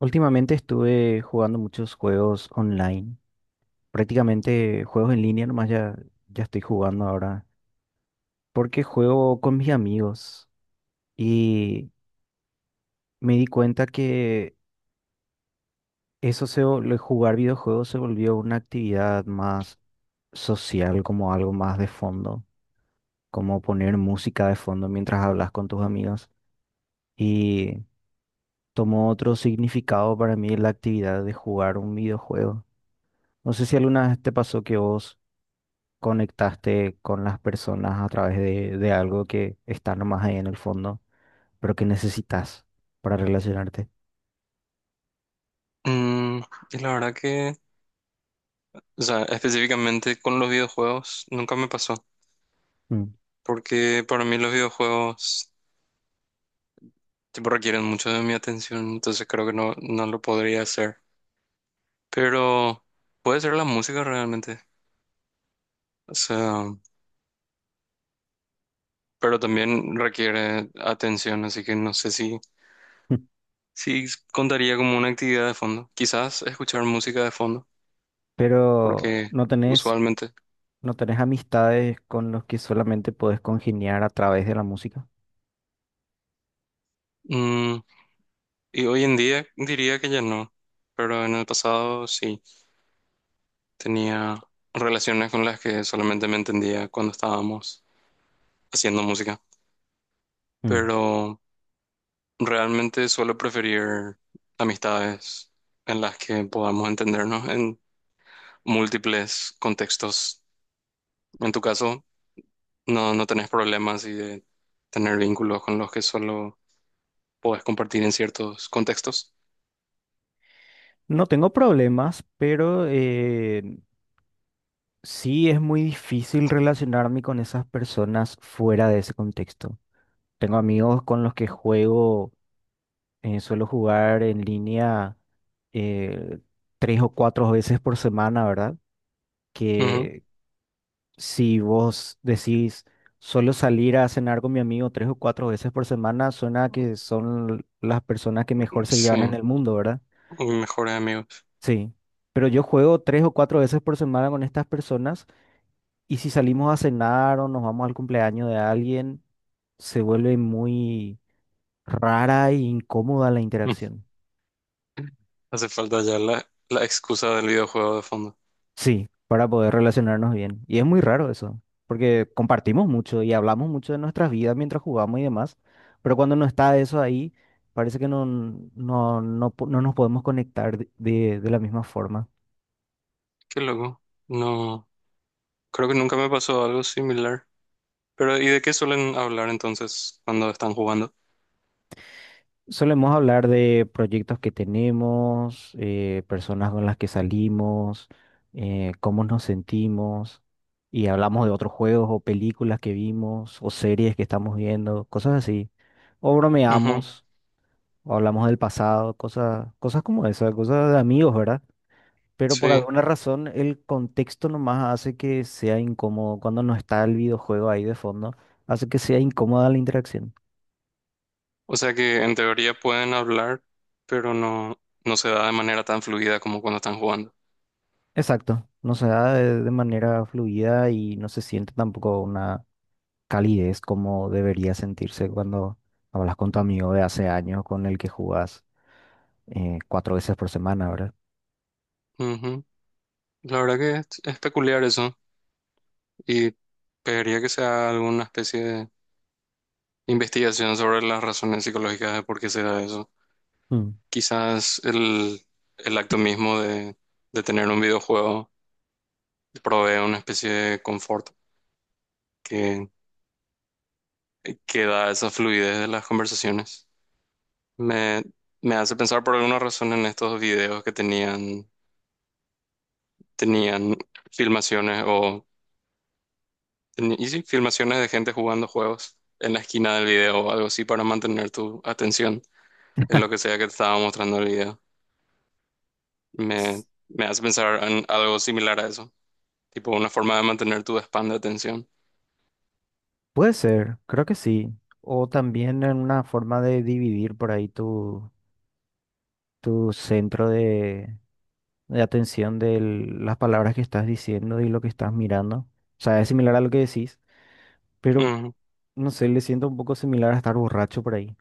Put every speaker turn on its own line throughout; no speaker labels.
Últimamente estuve jugando muchos juegos online, prácticamente juegos en línea nomás ya, ya estoy jugando ahora, porque juego con mis amigos y me di cuenta que lo de jugar videojuegos se volvió una actividad más social, como algo más de fondo, como poner música de fondo mientras hablas con tus amigos y tomó otro significado para mí la actividad de jugar un videojuego. No sé si alguna vez te pasó que vos conectaste con las personas a través de algo que está nomás ahí en el fondo, pero que necesitas para relacionarte.
Mm, y la verdad que, o sea, específicamente con los videojuegos, nunca me pasó,
Mm.
porque para mí los videojuegos, tipo, requieren mucho de mi atención, entonces creo que no, no lo podría hacer. Pero puede ser la música realmente, o sea, pero también requiere atención, así que no sé si, si contaría como una actividad de fondo. Quizás escuchar música de fondo,
Pero
porque
no tenés,
usualmente.
no tenés amistades con los que solamente podés congeniar a través de la música.
Mm, y hoy en día diría que ya no, pero en el pasado sí. Tenía relaciones con las que solamente me entendía cuando estábamos haciendo música,
Mm.
pero realmente suelo preferir amistades en las que podamos entendernos en múltiples contextos. En tu caso, no, no tenés problemas y de tener vínculos con los que solo podés compartir en ciertos contextos.
No tengo problemas, pero sí es muy difícil relacionarme con esas personas fuera de ese contexto. Tengo amigos con los que juego. Suelo jugar en línea, eh, tres o cuatro veces por semana, ¿verdad?
Ujú,
Que si vos decís, suelo salir a cenar con mi amigo tres o cuatro veces por semana, suena que son las personas que mejor se llevan en
sí,
el mundo, ¿verdad?
mis mejores amigos.
Sí. Pero yo juego tres o cuatro veces por semana con estas personas, y si salimos a cenar o nos vamos al cumpleaños de alguien, se vuelve muy rara e incómoda la
Mm.
interacción.
Hace falta ya la excusa del videojuego de fondo.
Sí, para poder relacionarnos bien. Y es muy raro eso, porque compartimos mucho y hablamos mucho de nuestras vidas mientras jugamos y demás, pero cuando no está eso ahí, parece que no nos podemos conectar de la misma forma.
Qué loco. No. Creo que nunca me pasó algo similar. Pero, ¿y de qué suelen hablar entonces cuando están jugando?
Solemos hablar de proyectos que tenemos, personas con las que salimos, cómo nos sentimos, y hablamos de otros juegos o películas que vimos o series que estamos viendo, cosas así. O
Ujú,
bromeamos. O hablamos del pasado, cosas, cosas como esas, cosas de amigos, ¿verdad? Pero por
sí.
alguna razón el contexto nomás hace que sea incómodo cuando no está el videojuego ahí de fondo, hace que sea incómoda la interacción.
O sea que en teoría pueden hablar, pero no, no se da de manera tan fluida como cuando están jugando.
Exacto, no se da de manera fluida y no se siente tampoco una calidez como debería sentirse cuando hablas con tu amigo de hace años con el que jugás, cuatro veces por semana, ¿verdad?
Ujú. La verdad que es peculiar eso. Y pediría que se haga alguna especie de investigación sobre las razones psicológicas de por qué se da eso.
Mm.
Quizás el acto mismo de tener un videojuego provee una especie de confort que da esa fluidez de las conversaciones. Me, me hace pensar por alguna razón en estos videos que tenían filmaciones o y sí, filmaciones de gente jugando juegos en la esquina del video o algo así para mantener tu atención en lo que sea que te estaba mostrando el video. Me hace pensar en algo similar a eso, tipo una forma de mantener tu span de atención.
Puede ser, creo que sí. O también en una forma de dividir por ahí tu, tu centro de atención, de las palabras que estás diciendo y lo que estás mirando. O sea, es similar a lo que decís, pero
Ujú.
no sé, le siento un poco similar a estar borracho por ahí.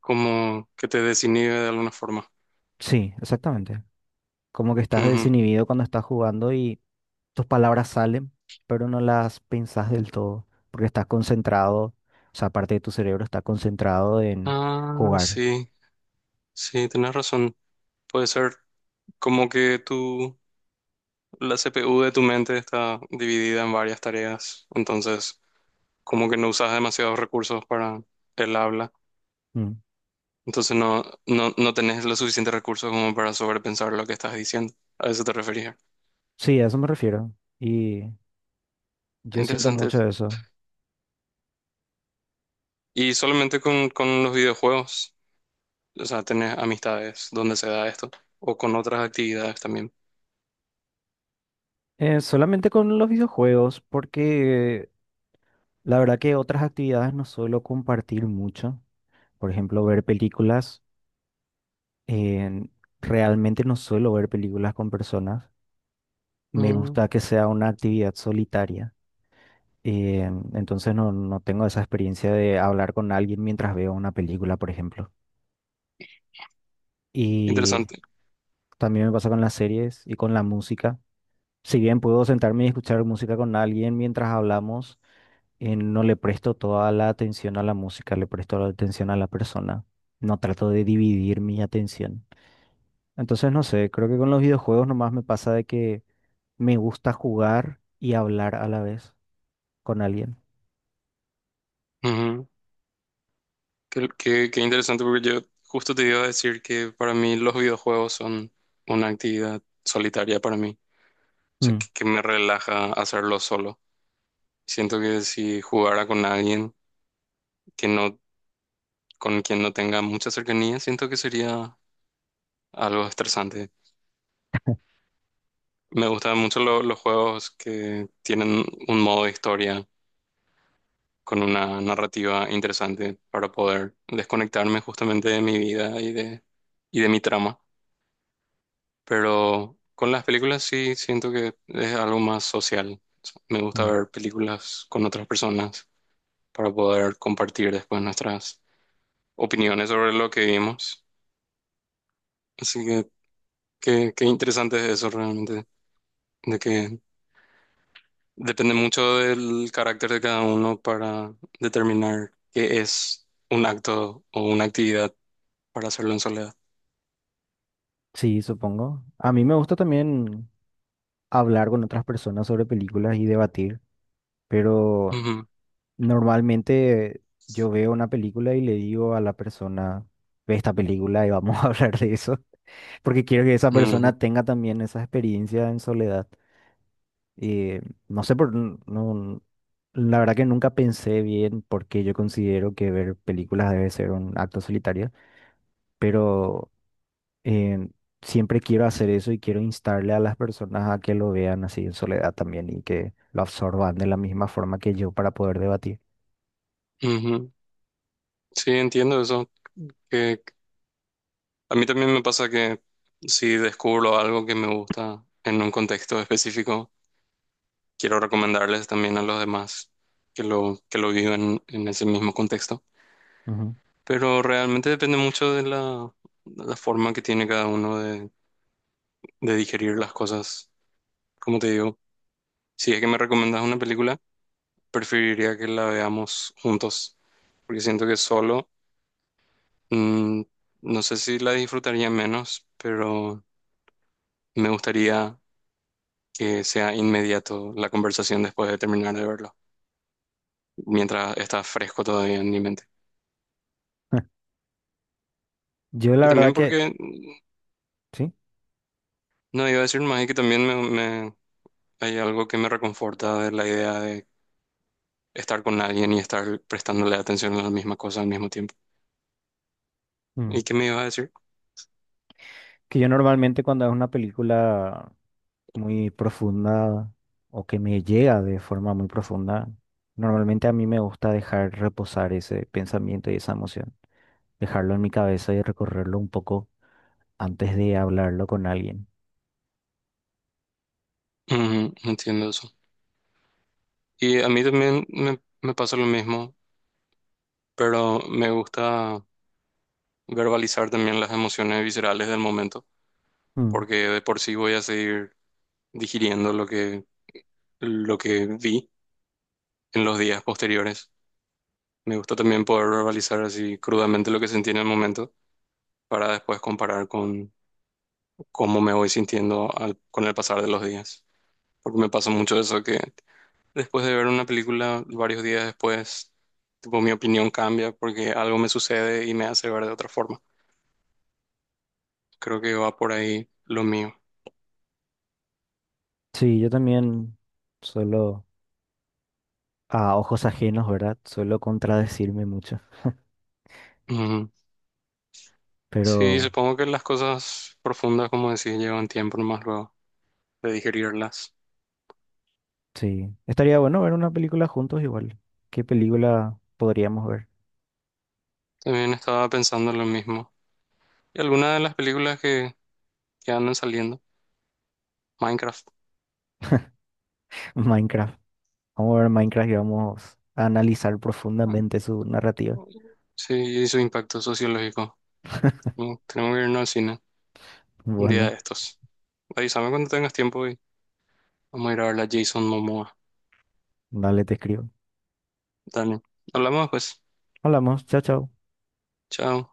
Como que te desinhibe de alguna forma.
Sí, exactamente. Como que estás
Ujú.
desinhibido cuando estás jugando y tus palabras salen, pero no las pensás del todo, porque estás concentrado, o sea, parte de tu cerebro está concentrado en
Ah,
jugar.
sí, sí, tenés razón. Puede ser. Como que la CPU de tu mente está dividida en varias tareas, entonces como que no usas demasiados recursos para el habla,
Mm.
entonces no, no, no tenés los suficientes recursos como para sobrepensar lo que estás diciendo. A eso te refería.
Sí, a eso me refiero. Y
Está
yo siento
interesante
mucho
eso.
eso.
Y solamente con los videojuegos, o sea, tenés amistades donde se da esto, o con otras actividades también.
Solamente con los videojuegos, porque la verdad que otras actividades no suelo compartir mucho. Por ejemplo, ver películas. Eh, realmente no suelo ver películas con personas. Me
Mm,
gusta que sea una actividad solitaria. Eh, entonces no tengo esa experiencia de hablar con alguien mientras veo una película, por ejemplo. Y
interesante.
también me pasa con las series y con la música. Si bien puedo sentarme y escuchar música con alguien mientras hablamos, no le presto toda la atención a la música, le presto la atención a la persona. No trato de dividir mi atención. Entonces, no sé, creo que con los videojuegos nomás me pasa de que me gusta jugar y hablar a la vez con alguien.
Qué interesante porque yo justo te iba a decir que para mí los videojuegos son una actividad solitaria para mí, o sea,
Mm,
que me relaja hacerlo solo. Siento que si jugara con alguien que no, con quien no tenga mucha cercanía, siento que sería algo estresante. Me gustan mucho los juegos que tienen un modo de historia con una narrativa interesante para poder desconectarme justamente de mi vida y de, mi trama. Pero con las películas sí siento que es algo más social. Me gusta
mm.
ver películas con otras personas para poder compartir después nuestras opiniones sobre lo que vimos. Así que qué interesante es eso realmente, de que depende mucho del carácter de cada uno para determinar qué es un acto o una actividad para hacerlo en soledad.
Sí, supongo. A mí me gusta también hablar con otras personas sobre películas y debatir, pero
Ujú,
normalmente yo veo una película y le digo a la persona, ve esta película y vamos a hablar de eso, porque quiero que esa
ujú,
persona tenga también esa experiencia en soledad. Eh, no sé por, n- no, la verdad que nunca pensé bien por qué yo considero que ver películas debe ser un acto solitario, pero eh, siempre quiero hacer eso y quiero instarle a las personas a que lo vean así en soledad también y que lo absorban de la misma forma que yo para poder debatir.
ujú. Sí, entiendo eso. A mí también me pasa que si descubro algo que me gusta en un contexto específico, quiero recomendarles también a los demás que lo vivan en ese mismo contexto.
Ujú.
Pero realmente depende mucho de la forma que tiene cada uno de digerir las cosas. Como te digo, si es que me recomendas una película, preferiría que la veamos juntos, porque siento que solo, mm, no sé si la disfrutaría menos, pero me gustaría que sea inmediato la conversación después de terminar de verlo, mientras está fresco todavía en mi mente.
Yo la
Y también
verdad que…
porque,
Sí.
no iba a decir más, es que también hay algo que me reconforta de la idea de estar con alguien y estar prestándole atención a la misma cosa al mismo tiempo.
Mm.
¿Y qué me iba a decir?
Que yo normalmente, cuando es una película muy profunda o que me llega de forma muy profunda, normalmente a mí me gusta dejar reposar ese pensamiento y esa emoción, dejarlo en mi cabeza y recorrerlo un poco antes de hablarlo con alguien.
Ujú, entiendo eso. Y a mí también me pasa lo mismo, pero me gusta verbalizar también las emociones viscerales del momento,
Mm.
porque de por sí voy a seguir digiriendo lo que, vi en los días posteriores. Me gusta también poder verbalizar así crudamente lo que sentí en el momento para después comparar con cómo me voy sintiendo con el pasar de los días. Porque me pasa mucho eso que después de ver una película varios días después, tipo mi opinión cambia porque algo me sucede y me hace ver de otra forma. Creo que va por ahí lo mío.
Sí, yo también suelo, a ojos ajenos, ¿verdad? Suelo contradecirme mucho,
Ujú. Sí,
pero
supongo que las cosas profundas, como decís, llevan tiempo más luego de digerirlas.
sí, estaría bueno ver una película juntos igual. ¿Qué película podríamos ver?
También estaba pensando lo mismo. Y algunas de las películas que andan saliendo. Minecraft.
Minecraft. Vamos a ver Minecraft y vamos a analizar
Ah,
profundamente su narrativa.
sí, y su impacto sociológico. Tenemos que irnos al cine un día
Bueno,
de estos. Avísame cuando tengas tiempo y vamos a ir a ver a Jason Momoa.
dale, te escribo.
Dale. Hablamos después.
Hablamos, chao, chao.
Chao.